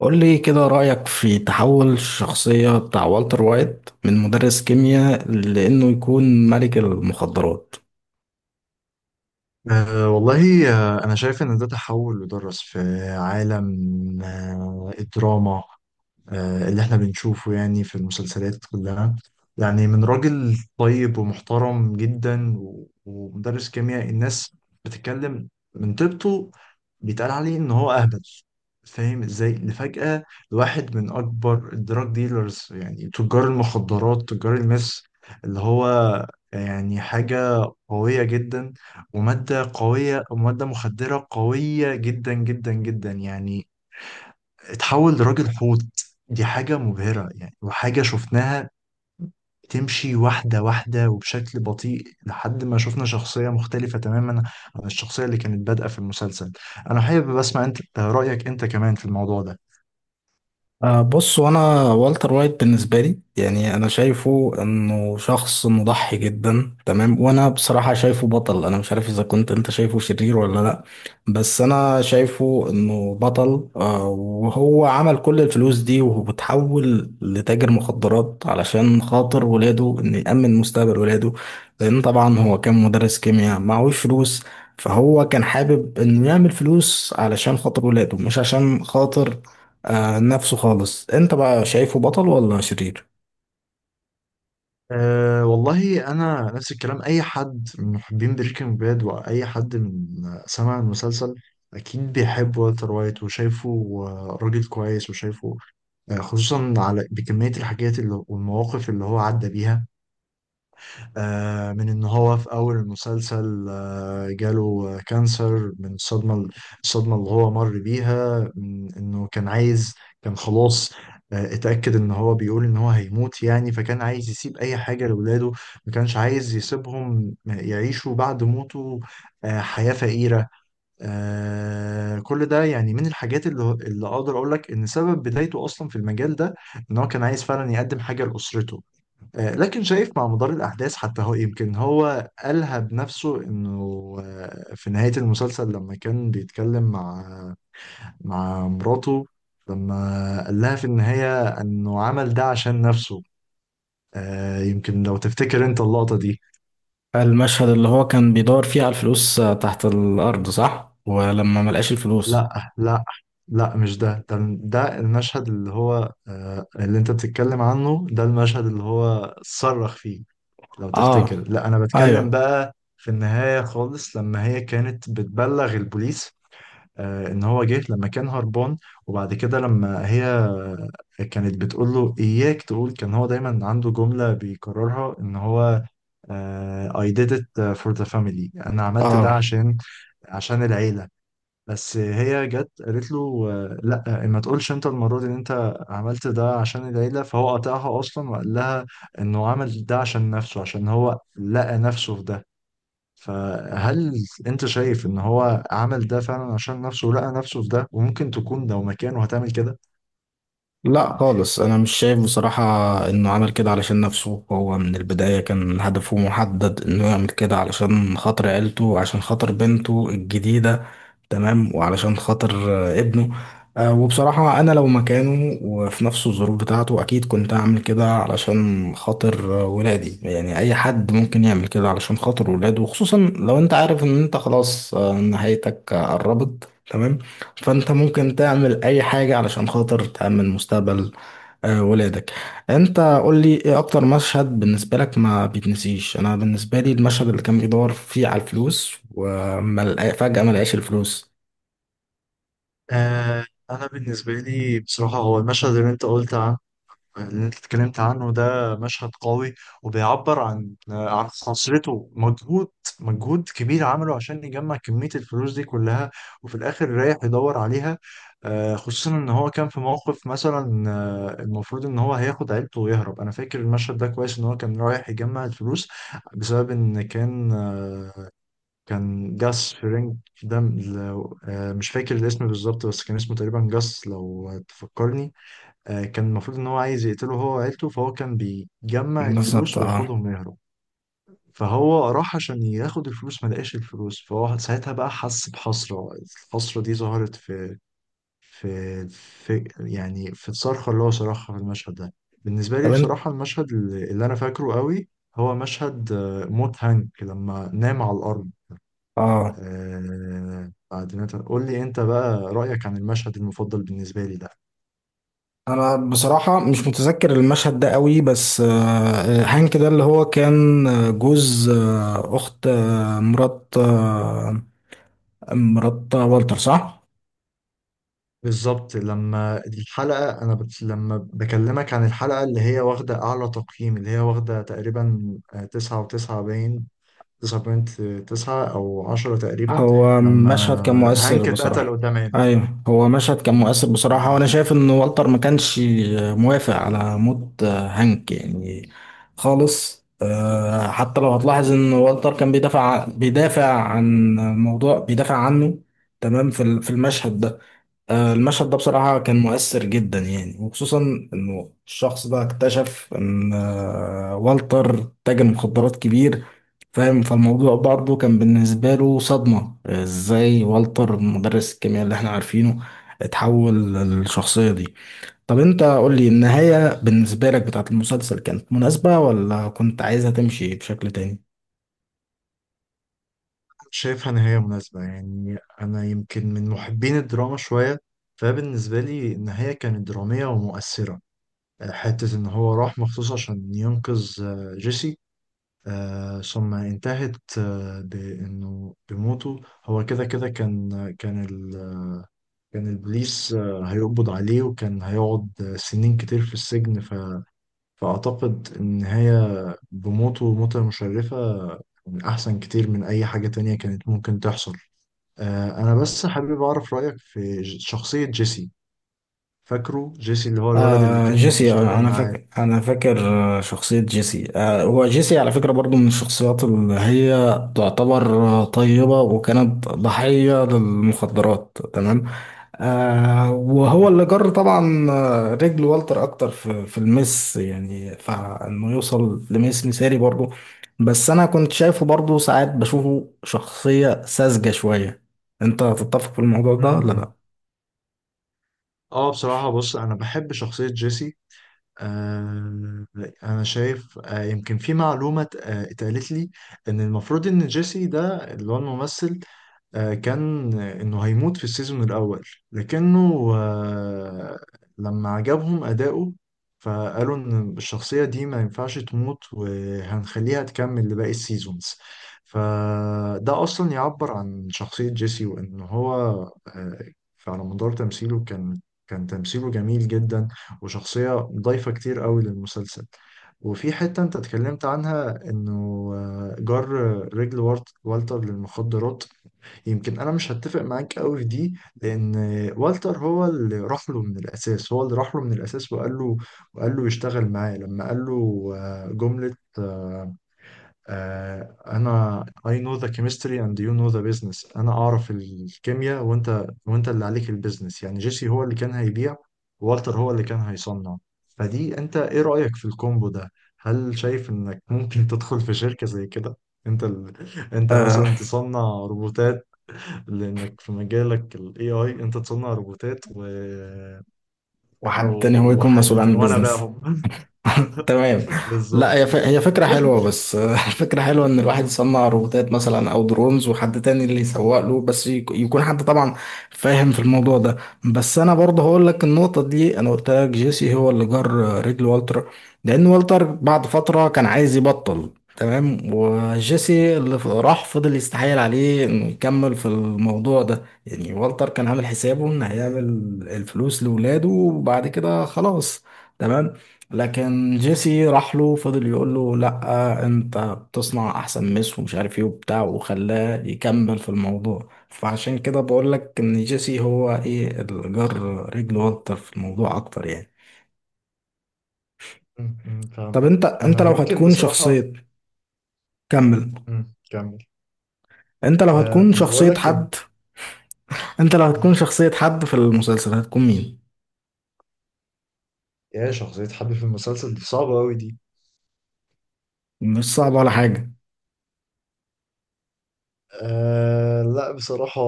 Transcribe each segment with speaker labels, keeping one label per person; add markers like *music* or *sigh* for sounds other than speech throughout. Speaker 1: قول لي كده رأيك في تحول الشخصية بتاع والتر وايت من مدرس كيمياء لأنه يكون ملك المخدرات.
Speaker 2: والله, أنا شايف إن ده تحول ودرس في عالم, الدراما, اللي احنا بنشوفه يعني في المسلسلات كلها. يعني من راجل طيب ومحترم جدا ومدرس كيمياء. الناس بتتكلم من طيبته, بيتقال عليه ان هو اهبل. فاهم ازاي لفجأة لواحد من اكبر الدراج ديلرز, يعني تجار المخدرات, تجار المس اللي هو يعني حاجة قوية جدا, ومادة قوية ومادة مخدرة قوية جدا جدا جدا, يعني اتحول لراجل حوت. دي حاجة مبهرة يعني, وحاجة شفناها بتمشي واحدة واحدة وبشكل بطيء لحد ما شفنا شخصية مختلفة تماما عن الشخصية اللي كانت بادئة في المسلسل. أنا حابب أسمع أنت رأيك أنت كمان في الموضوع ده.
Speaker 1: بص، وانا والتر وايت بالنسبه لي يعني انا شايفه انه شخص مضحي جدا، تمام. وانا بصراحه شايفه بطل. انا مش عارف اذا كنت انت شايفه شرير ولا لا. بس انا شايفه انه بطل. وهو عمل كل الفلوس دي وهو بتحول لتاجر مخدرات علشان خاطر ولاده، انه يأمن مستقبل ولاده. لان طبعا هو كان مدرس كيمياء معهوش فلوس. فهو كان حابب انه يعمل فلوس علشان خاطر ولاده، مش عشان خاطر نفسه خالص. انت بقى شايفه بطل ولا شرير؟
Speaker 2: والله, أنا نفس الكلام. أي حد من محبين بريكنج باد وأي حد من سمع المسلسل أكيد بيحب والتر وايت وشايفه, راجل كويس وشايفه, خصوصا على بكمية الحاجات اللي والمواقف اللي هو عدى بيها. من ان هو في اول المسلسل جاله كانسر من الصدمه. الصدمه اللي هو مر بيها من انه كان عايز, كان خلاص اتاكد ان هو بيقول ان هو هيموت يعني. فكان عايز يسيب اي حاجه لاولاده, ما كانش عايز يسيبهم يعيشوا بعد موته حياه فقيره. كل ده يعني من الحاجات اللي اقدر اقول لك ان سبب بدايته اصلا في المجال ده, ان هو كان عايز فعلا يقدم حاجه لاسرته. لكن شايف مع مدار الأحداث حتى, هو يمكن هو قالها بنفسه إنه, في نهاية المسلسل لما كان بيتكلم مع مراته, لما قال لها في النهاية إنه عمل ده عشان نفسه. يمكن لو تفتكر أنت اللقطة دي.
Speaker 1: المشهد اللي هو كان بيدور فيه على الفلوس تحت الارض، صح؟ ولما ملقاش الفلوس.
Speaker 2: لا, لا, لا, مش ده. ده المشهد اللي هو اللي أنت بتتكلم عنه. ده المشهد اللي هو صرخ فيه لو تفتكر.
Speaker 1: اه.
Speaker 2: لا, انا بتكلم
Speaker 1: ايوه.
Speaker 2: بقى في النهاية خالص لما هي كانت بتبلغ البوليس. آه, ان هو جه لما كان هربان, وبعد كده لما هي كانت بتقول له اياك تقول, كان هو دايما عنده جملة بيكررها ان هو, I did it, for the family, انا عملت ده
Speaker 1: اه،
Speaker 2: عشان, عشان العيلة. بس هي جت قالت له لا, ما تقولش انت المره دي ان انت عملت ده عشان العيله. فهو قطعها اصلا وقال لها انه عمل ده عشان نفسه, عشان هو لقى نفسه في ده. فهل انت شايف ان هو عمل ده فعلا عشان نفسه ولقى نفسه في ده, وممكن تكون لو مكانه هتعمل كده؟
Speaker 1: لا خالص، انا مش شايف بصراحة انه عمل كده علشان نفسه. هو من البداية كان هدفه محدد انه يعمل كده علشان خاطر عيلته، عشان خاطر بنته الجديدة، تمام، وعلشان خاطر ابنه. وبصراحة أنا لو مكانه وفي نفس الظروف بتاعته أكيد كنت أعمل كده علشان خاطر ولادي. يعني أي حد ممكن يعمل كده علشان خاطر ولاده، وخصوصا لو أنت عارف إن أنت خلاص نهايتك قربت، تمام. فأنت ممكن تعمل أي حاجة علشان خاطر تأمن مستقبل ولادك. أنت قول لي إيه أكتر مشهد بالنسبة لك ما بيتنسيش؟ أنا بالنسبة لي المشهد اللي كان بيدور فيه على الفلوس وفجأة ما لقاش الفلوس.
Speaker 2: آه, انا بالنسبه لي بصراحه, هو المشهد اللي انت قلت عنه, اللي انت اتكلمت عنه. ده مشهد قوي وبيعبر عن خسارته مجهود, مجهود كبير عمله عشان يجمع كمية الفلوس دي كلها, وفي الآخر رايح يدور عليها. خصوصا إن هو كان في موقف مثلا, المفروض إن هو هياخد عيلته ويهرب. أنا فاكر المشهد ده كويس, إن هو كان رايح يجمع الفلوس بسبب إن كان, كان جاس فرينج. ده مش فاكر الاسم بالظبط, بس كان اسمه تقريبا جاس لو تفكرني. كان المفروض ان هو عايز يقتله هو وعيلته, فهو كان بيجمع
Speaker 1: بالظبط،
Speaker 2: الفلوس
Speaker 1: اه.
Speaker 2: وياخدهم ويهرب. فهو راح عشان ياخد الفلوس, ما لقاش الفلوس, فهو ساعتها بقى حس بحسرة. الحسرة دي ظهرت في, في يعني في الصرخة اللي هو صرخها في المشهد ده. بالنسبة
Speaker 1: طب
Speaker 2: لي
Speaker 1: انت،
Speaker 2: بصراحة, المشهد اللي أنا فاكره قوي, هو مشهد موت هانك لما نام على الأرض.
Speaker 1: اه،
Speaker 2: بعد ما قول لي أنت بقى رأيك عن المشهد المفضل بالنسبة لي ده.
Speaker 1: انا بصراحة مش متذكر المشهد ده قوي، بس هانك ده اللي هو كان جوز اخت مرات مرات والتر، صح؟
Speaker 2: بالظبط, لما الحلقة, لما بكلمك عن الحلقة اللي هي واخدة أعلى تقييم, اللي هي واخدة تقريبا تسعة وتسعة, باين تسعة بوينت تسعة أو عشرة تقريبا.
Speaker 1: هو
Speaker 2: لما
Speaker 1: مشهد كان مؤثر
Speaker 2: هانك اتقتل
Speaker 1: بصراحة.
Speaker 2: قدام عينه.
Speaker 1: ايوه، هو مشهد كان مؤثر بصراحة،
Speaker 2: لما,
Speaker 1: وانا شايف ان والتر ما كانش موافق على موت هانك يعني، خالص. حتى لو هتلاحظ ان والتر كان بيدافع عن موضوع بيدافع عنه، تمام. في المشهد ده. المشهد ده بصراحة كان
Speaker 2: مم.
Speaker 1: مؤثر جدا يعني، وخصوصا انه الشخص ده اكتشف ان والتر تاجر مخدرات كبير. فاهم؟ فالموضوع برضه كان بالنسبة له صدمة، ازاي والتر مدرس الكيمياء اللي احنا عارفينه اتحول للشخصية دي. طب انت قول لي، النهاية بالنسبة لك بتاعت المسلسل كانت مناسبة ولا كنت عايزها تمشي بشكل تاني؟
Speaker 2: شايفها نهاية مناسبة يعني. أنا يمكن من محبين الدراما شوية, فبالنسبة لي النهاية كانت درامية ومؤثرة. حتة إن هو راح مخصوص عشان ينقذ جيسي, ثم انتهت بانه, بموته. هو كده كده كان, كان ال... كان البوليس هيقبض عليه, وكان هيقعد سنين كتير في السجن. فاعتقد النهاية بموته موتة مشرفة من احسن كتير من اي حاجة تانية كانت ممكن تحصل. انا بس حابب اعرف رأيك في شخصية جيسي. فاكره جيسي اللي هو الولد اللي كان
Speaker 1: جيسي.
Speaker 2: بيشتغل
Speaker 1: انا
Speaker 2: معاه؟
Speaker 1: فاكر انا فاكر شخصية جيسي. هو جيسي على فكرة برضو من الشخصيات اللي هي تعتبر طيبة، وكانت ضحية للمخدرات، تمام. وهو
Speaker 2: م-
Speaker 1: اللي جر طبعا رجل والتر اكتر في المس، يعني، فانه يوصل لميس مثالي برضو. بس انا كنت شايفه برضو ساعات بشوفه شخصية ساذجة شوية. انت هتتفق في الموضوع
Speaker 2: م-
Speaker 1: ده ولا لا؟
Speaker 2: م. اه بصراحة بص, انا بحب شخصية جيسي. آه، أنا شايف, يمكن في معلومة اتقالت لي, إن المفروض إن جيسي ده, اللي هو الممثل, كان إنه هيموت في السيزون الأول. لكنه, لما عجبهم أداؤه فقالوا إن الشخصية دي ما ينفعش تموت, وهنخليها تكمل لباقي السيزونز. فده أصلا يعبر عن شخصية جيسي, وإن هو آه، على مدار تمثيله كان, كان تمثيله جميل جدا, وشخصية ضايفة كتير قوي للمسلسل. وفي حتة انت اتكلمت عنها, انه جر رجل والتر للمخدرات. يمكن انا مش هتفق معاك قوي في دي. لان والتر هو اللي راح له من الاساس, هو اللي راح له من الاساس وقال له, يشتغل معاه. لما قال له جملة, انا I know the chemistry and you know the business, انا اعرف الكيمياء, وانت اللي عليك البيزنس. يعني جيسي هو اللي كان هيبيع, والتر هو اللي كان هيصنع. فدي انت ايه رأيك في الكومبو ده؟ هل شايف انك ممكن *laughs* تدخل في شركة زي كده؟ انت ال... *laughs* انت
Speaker 1: آه
Speaker 2: مثلا تصنع روبوتات, لانك في مجالك ال AI انت تصنع روبوتات أو-
Speaker 1: وحد تاني هو يكون مسؤول
Speaker 2: وحد
Speaker 1: عن
Speaker 2: تاني, وانا
Speaker 1: البيزنس.
Speaker 2: باهم.
Speaker 1: *laughs*
Speaker 2: *laughs*
Speaker 1: تمام. لا، هي
Speaker 2: بالظبط.
Speaker 1: هي فكرة حلوة، بس *laughs* الفكرة حلوة إن الواحد يصنع روبوتات مثلا أو درونز، وحد تاني اللي يسوق له، بس يكون حد طبعا فاهم في الموضوع ده. بس أنا برضه هقول لك النقطة دي، أنا قلت لك جيسي هو اللي جر رجل والتر. لأن والتر بعد فترة كان عايز يبطل، تمام. وجيسي اللي راح فضل يستحايل عليه إنه يكمل في الموضوع ده يعني. والتر كان عامل حسابه إن هيعمل الفلوس لولاده وبعد كده خلاص، تمام. لكن جيسي راح له فضل يقول له لا، انت بتصنع احسن مس ومش عارف ايه وبتاع، وخلاه يكمل في الموضوع. فعشان كده بقول لك ان جيسي هو ايه الجر رجل والتر في الموضوع اكتر يعني.
Speaker 2: م- م،
Speaker 1: طب
Speaker 2: فهمتك.
Speaker 1: انت انت
Speaker 2: انا
Speaker 1: لو
Speaker 2: يمكن
Speaker 1: هتكون
Speaker 2: بصراحة,
Speaker 1: شخصية كمل.
Speaker 2: كمل.
Speaker 1: انت لو
Speaker 2: آه,
Speaker 1: هتكون
Speaker 2: كنت بقول
Speaker 1: شخصية
Speaker 2: لك
Speaker 1: حد انت لو
Speaker 2: مم.
Speaker 1: هتكون شخصية حد في المسلسل هتكون مين؟
Speaker 2: يا, شخصية حبي في المسلسل دي صعبة أوي دي.
Speaker 1: مش صعب ولا حاجة.
Speaker 2: آه لا بصراحة,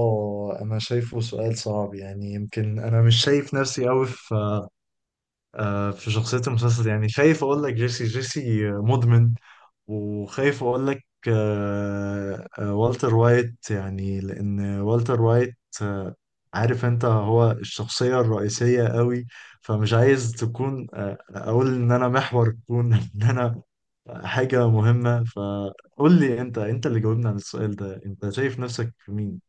Speaker 2: أنا شايفه سؤال صعب. يعني يمكن أنا مش شايف نفسي أوي في في شخصية المسلسل. يعني خايف أقول لك جيسي, جيسي مدمن. وخايف أقول لك والتر وايت, يعني لأن والتر وايت, آه عارف أنت هو الشخصية الرئيسية أوي. فمش عايز تكون اقول ان انا محور الكون *laughs* ان انا حاجة مهمة. فقول لي انت, انت اللي جاوبنا عن السؤال ده, انت شايف نفسك في مين؟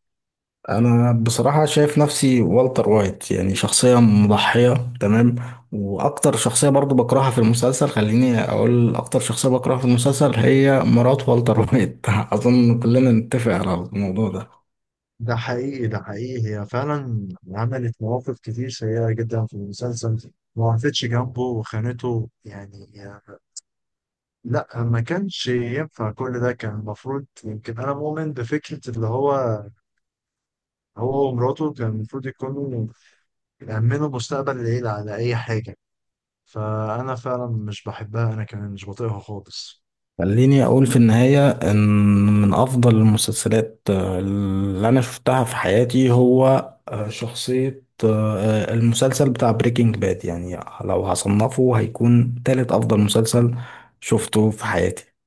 Speaker 1: انا بصراحة شايف نفسي والتر وايت، يعني شخصية مضحية، تمام. واكتر شخصية برضو بكرهها في المسلسل، خليني اقول اكتر شخصية بكرهها في المسلسل هي مرات والتر وايت. *laughs* اظن كلنا نتفق على الموضوع ده.
Speaker 2: ده حقيقي, ده حقيقي. هي فعلا عملت مواقف كتير سيئة جدا في المسلسل, ما وقفتش جنبه وخانته يعني. لا, ما كانش ينفع كل ده. كان المفروض, يمكن أنا مؤمن بفكرة اللي هو, هو ومراته كان المفروض يكونوا يأمنوا مستقبل العيلة على أي حاجة. فأنا فعلا مش بحبها, أنا كمان مش بطيقها خالص.
Speaker 1: خليني اقول في النهاية ان من افضل المسلسلات اللي انا شفتها في حياتي هو شخصية المسلسل بتاع بريكنج باد يعني. لو هصنفه هيكون تالت افضل مسلسل شفته في حياتي.